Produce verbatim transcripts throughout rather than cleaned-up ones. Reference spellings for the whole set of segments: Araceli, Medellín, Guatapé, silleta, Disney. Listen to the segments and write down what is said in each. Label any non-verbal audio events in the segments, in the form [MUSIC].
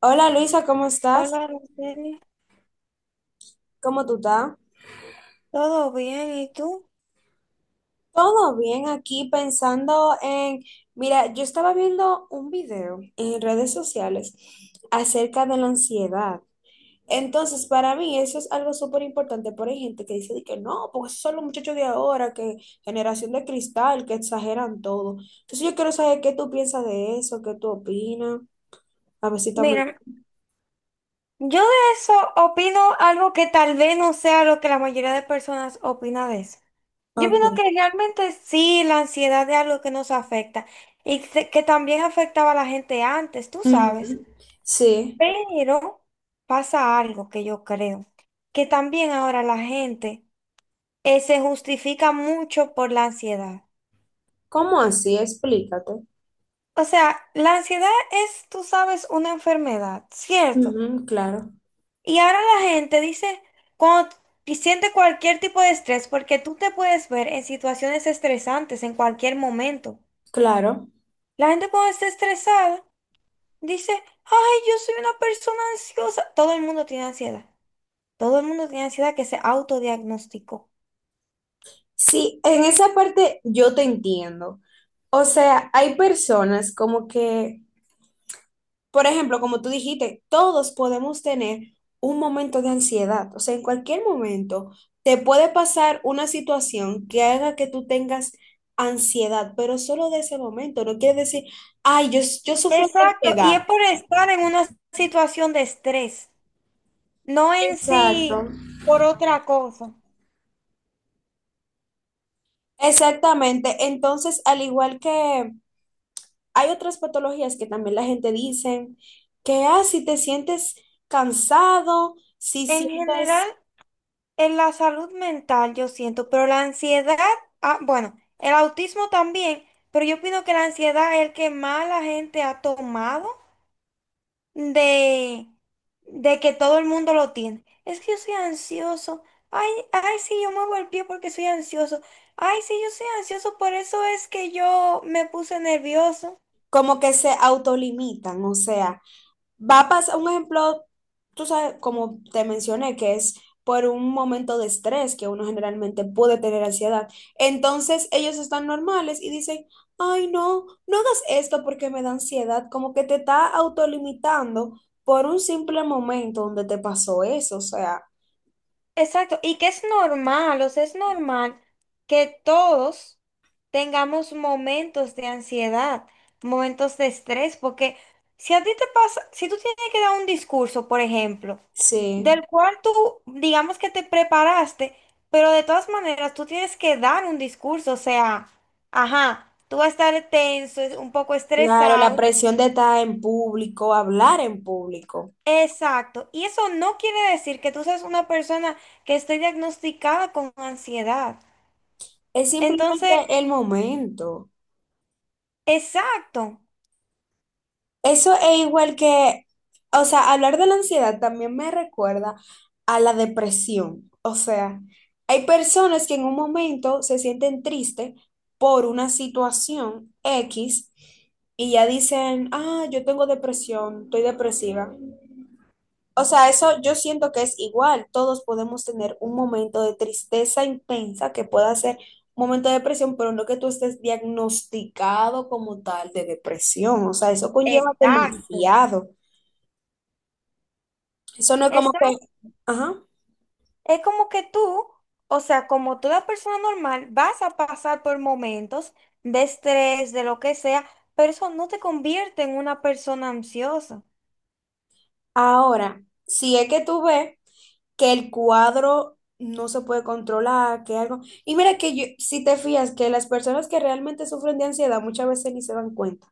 Hola, Luisa, ¿cómo estás? Hola, Araceli. ¿Cómo tú estás? ¿Todo bien? ¿Y tú? Todo bien, aquí pensando en, mira, yo estaba viendo un video en redes sociales acerca de la ansiedad. Entonces, para mí eso es algo súper importante, porque hay gente que dice de que no, porque esos son los muchachos de ahora, que generación de cristal, que exageran todo. Entonces, yo quiero saber qué tú piensas de eso, qué tú opinas, a ver si estamos Mira, muy... yo de eso opino algo que tal vez no sea lo que la mayoría de personas opina de eso. Yo Ok. opino que realmente sí, la ansiedad es algo que nos afecta y que que también afectaba a la gente antes, tú sabes. Ujú. Sí. Pero pasa algo que yo creo, que también ahora la gente eh, se justifica mucho por la ansiedad. ¿Cómo así? Explícate. O sea, la ansiedad es, tú sabes, una enfermedad, ¿cierto? Ujú, claro, Y ahora la gente dice, cuando t- siente cualquier tipo de estrés, porque tú te puedes ver en situaciones estresantes en cualquier momento. claro. La gente cuando está estresada dice, ay, yo soy una persona ansiosa. Todo el mundo tiene ansiedad. Todo el mundo tiene ansiedad que se autodiagnosticó. Sí, en esa parte yo te entiendo. O sea, hay personas como que, por ejemplo, como tú dijiste, todos podemos tener un momento de ansiedad. O sea, en cualquier momento te puede pasar una situación que haga que tú tengas ansiedad, pero solo de ese momento. No quiere decir, ay, yo, yo sufro de Exacto, y ansiedad. es por estar en una situación de estrés, no en Exacto. sí por otra cosa. Exactamente. Entonces, al igual que hay otras patologías que también la gente dice que, ah, si te sientes cansado, si En sientes general, en la salud mental, yo siento, pero la ansiedad, ah, bueno, el autismo también, pero yo opino que la ansiedad es el que más la gente ha tomado de, de que todo el mundo lo tiene. Es que yo soy ansioso. Ay, ay, sí, yo muevo el pie porque soy ansioso. Ay, sí, yo soy ansioso, por eso es que yo me puse nervioso. como que se autolimitan, o sea, va a pasar un ejemplo, tú sabes, como te mencioné, que es por un momento de estrés que uno generalmente puede tener ansiedad. Entonces ellos están normales y dicen, ay, no, no hagas esto porque me da ansiedad, como que te está autolimitando por un simple momento donde te pasó eso, o sea, Exacto, y que es normal, o sea, es normal que todos tengamos momentos de ansiedad, momentos de estrés, porque si a ti te pasa, si tú tienes que dar un discurso, por ejemplo, sí. del cual tú, digamos que te preparaste, pero de todas maneras tú tienes que dar un discurso, o sea, ajá, tú vas a estar tenso, es- un poco Claro, la estresado. presión de estar en público, hablar en público, Exacto, y eso no quiere decir que tú seas una persona que esté diagnosticada con ansiedad. es Entonces, simplemente el momento. exacto, Eso es igual que, o sea, hablar de la ansiedad también me recuerda a la depresión. O sea, hay personas que en un momento se sienten tristes por una situación X y ya dicen, ah, yo tengo depresión, estoy depresiva. O sea, eso yo siento que es igual. Todos podemos tener un momento de tristeza intensa que pueda ser un momento de depresión, pero no que tú estés diagnosticado como tal de depresión. O sea, eso conlleva exacto, demasiado. Eso no es como que, exacto. ajá. Es como que tú, o sea, como toda persona normal, vas a pasar por momentos de estrés, de lo que sea, pero eso no te convierte en una persona ansiosa Ahora, si es que tú ves que el cuadro no se puede controlar, que algo. Y mira que yo, si te fías que las personas que realmente sufren de ansiedad muchas veces ni se dan cuenta.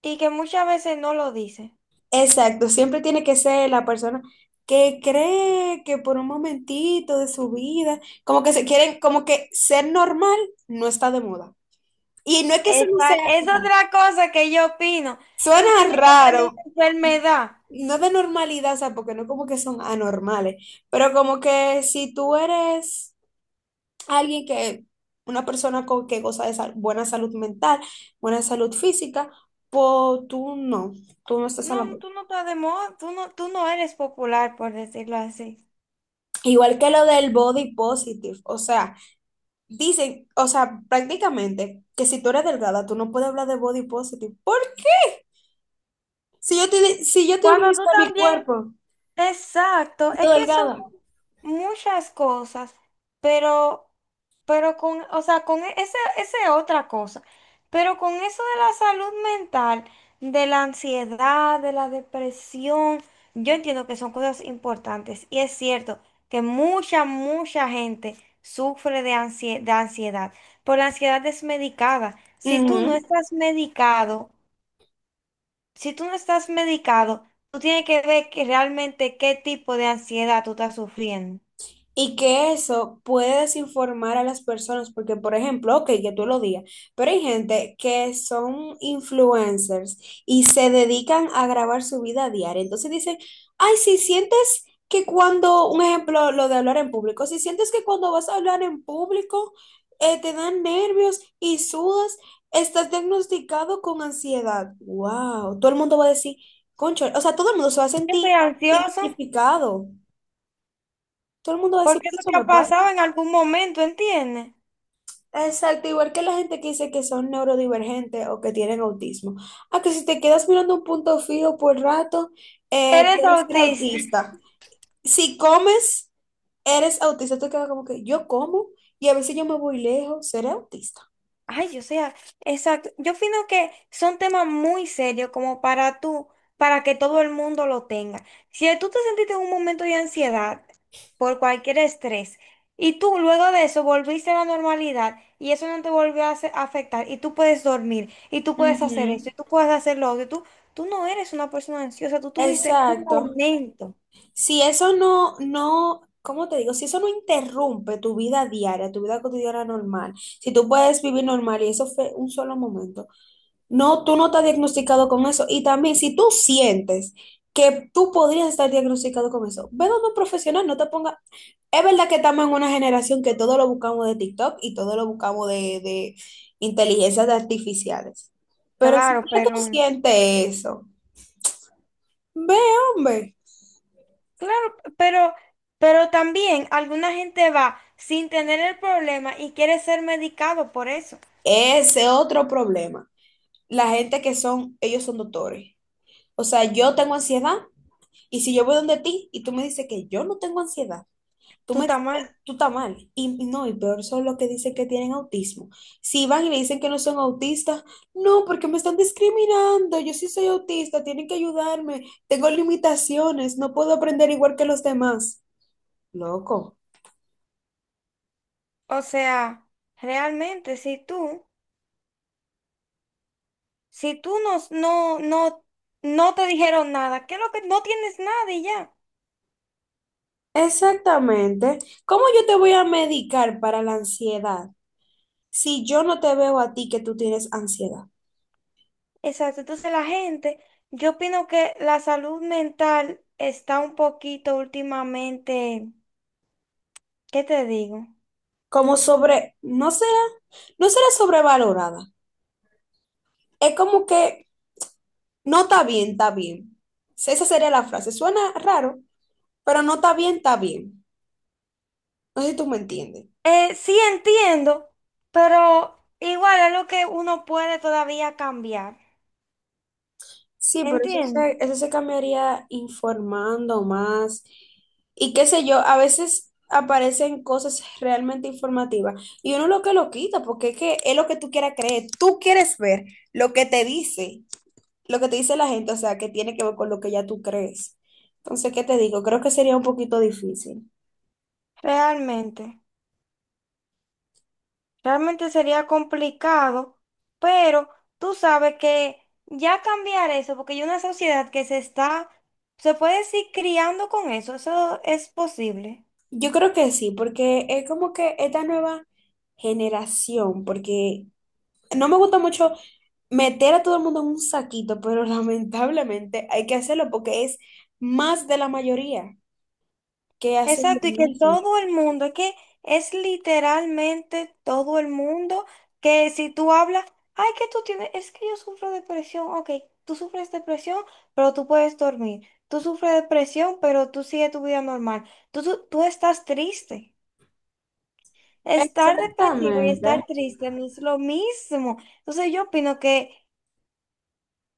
y que muchas veces no lo dice. Exacto, siempre tiene que ser la persona que cree que por un momentito de su vida, como que se quieren, como que ser normal no está de moda. Y no es que eso no Esa sea, es o sea, otra cosa que yo opino. Tú suena tienes que tener raro, esta enfermedad. no de normalidad, o sea, porque no como que son anormales, pero como que si tú eres alguien que, una persona con, que goza de sal- buena salud mental, buena salud física, pues tú no, tú no estás a No, la moda. tú no estás de moda, tú no, tú no eres popular, por decirlo así. Igual que lo del body positive, o sea, dicen, o sea, prácticamente que si tú eres delgada, tú no puedes hablar de body positive. ¿Por qué? Si yo te, si yo te Cuando organizo tú mi también cuerpo, exacto, siendo es que son delgada. muchas cosas, pero, pero con, o sea, con e- esa, esa es otra cosa, pero con eso de la salud mental, de la ansiedad, de la depresión, yo entiendo que son cosas importantes y es cierto que mucha, mucha gente sufre de ansie- de ansiedad, pero la ansiedad es medicada. Si tú no Ujú. estás medicado, si tú no estás medicado, tú tienes que ver que realmente qué tipo de ansiedad tú estás sufriendo. Y que eso puede desinformar a las personas, porque por ejemplo, ok, que tú lo digas, pero hay gente que son influencers y se dedican a grabar su vida diaria. Entonces dicen, ay, si sientes que cuando, un ejemplo, lo de hablar en público, si sientes que cuando vas a hablar en público eh, te dan nervios y sudas, estás diagnosticado con ansiedad. ¡Wow! Todo el mundo va a decir, concho, o sea, todo el mundo se va a Yo sentir soy ansioso identificado. Todo el mundo va a decir, porque "Pero eso eso te me ha pasa". pasado en algún momento, ¿entiendes? Exacto, igual que la gente que dice que son neurodivergentes o que tienen autismo. Ah, que si te quedas mirando un punto fijo por rato, eh, Eres puedes ser autista. autista. Si comes, eres autista. Tú quedas como que yo como y a veces yo me voy lejos, seré autista. Ay, o sea, exacto. Yo opino que son temas muy serios como para tú, para que todo el mundo lo tenga. Si tú te sentiste en un momento de ansiedad por cualquier estrés y tú luego de eso volviste a la normalidad y eso no te volvió a hace- a afectar y tú puedes dormir y tú puedes hacer esto Ujú. y tú puedes hacer lo otro, y tú, tú no eres una persona ansiosa, tú tuviste un Exacto. momento. Si eso no, no, ¿cómo te digo? Si eso no interrumpe tu vida diaria, tu vida cotidiana normal, si tú puedes vivir normal y eso fue un solo momento, no, tú no estás diagnosticado con eso. Y también, si tú sientes que tú podrías estar diagnosticado con eso, ve donde un profesional, no te ponga. Es verdad que estamos en una generación que todo lo buscamos de TikTok y todo lo buscamos de, de inteligencias artificiales. Pero si Claro, ya tú pero... sientes eso, ve, hombre, Claro, pero, pero también alguna gente va sin tener el problema y quiere ser medicado por eso. ese otro problema. La gente que son, ellos son doctores. O sea, yo tengo ansiedad y si yo voy donde ti y tú me dices que yo no tengo ansiedad, tú Tú me, estás mal. tú estás mal. Y no, y peor son los que dicen que tienen autismo. Si van y le dicen que no son autistas, no, porque me están discriminando. Yo sí soy autista, tienen que ayudarme. Tengo limitaciones, no puedo aprender igual que los demás. Loco. O sea, realmente, si tú, si tú no, no, no, no te dijeron nada, ¿qué es lo que no tienes nada y ya? Exactamente. ¿Cómo yo te voy a medicar para la ansiedad si yo no te veo a ti que tú tienes ansiedad? Exacto. Entonces la gente, yo opino que la salud mental está un poquito últimamente, ¿qué te digo? Como sobre, no será, no será sobrevalorada. Es como que no está bien, está bien. Esa sería la frase. Suena raro, pero no está bien, está bien. No sé si tú me entiendes. Eh, sí entiendo, pero igual es lo que uno puede todavía cambiar. Sí, pero eso Entiendo, se, eso se cambiaría informando más. Y qué sé yo, a veces aparecen cosas realmente informativas y uno lo que lo quita, porque es que es lo que tú quieras creer. Tú quieres ver lo que te dice, lo que te dice la gente, o sea, que tiene que ver con lo que ya tú crees. Entonces, ¿qué te digo? Creo que sería un poquito difícil. realmente, realmente sería complicado, pero tú sabes que ya cambiar eso, porque hay una sociedad que se está, se puede decir, criando con eso, eso es posible. Yo creo que sí, porque es como que esta nueva generación, porque no me gusta mucho meter a todo el mundo en un saquito, pero [LAUGHS] lamentablemente hay que hacerlo porque es más de la mayoría que hacen lo Exacto, y que mismo. todo el mundo, es que es literalmente todo el mundo que si tú hablas, ay, que tú tienes, es que yo sufro depresión, ok, tú sufres depresión, pero tú puedes dormir, tú sufres depresión, pero tú sigues tu vida normal, tú, tú, tú estás triste. Estar depresivo y Exactamente. estar triste no es lo mismo. Entonces yo opino que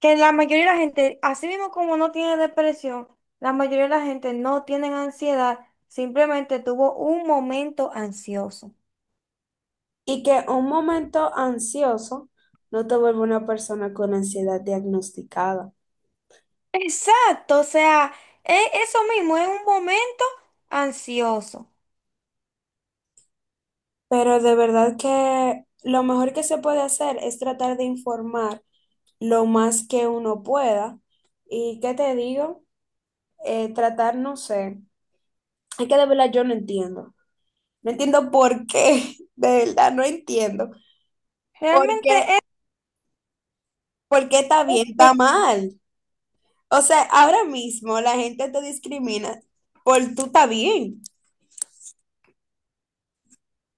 que la mayoría de la gente, así mismo como no tiene depresión, la mayoría de la gente no tiene ansiedad, simplemente tuvo un momento ansioso. Y que un momento ansioso no te vuelve una persona con ansiedad diagnosticada. Exacto, o sea, e- eso mismo, es un momento ansioso. Pero de verdad que lo mejor que se puede hacer es tratar de informar lo más que uno pueda. ¿Y qué te digo? Eh, tratar, no sé, es que de verdad yo no entiendo. No entiendo por qué, [LAUGHS] de verdad no entiendo. ¿Por Realmente qué, es, por qué está es bien, está eso. mal? O sea, ahora mismo la gente te discrimina por tú está bien.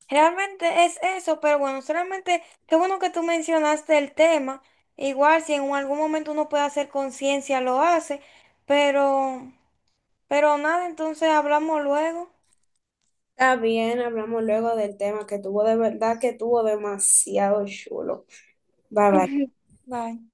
Realmente es eso, pero bueno, solamente qué bueno que tú mencionaste el tema. Igual si en algún momento uno puede hacer conciencia, lo hace, pero, pero nada, entonces hablamos luego. Está bien, hablamos luego del tema que tuvo de verdad que tuvo demasiado chulo. Bye bye. [LAUGHS] Bye.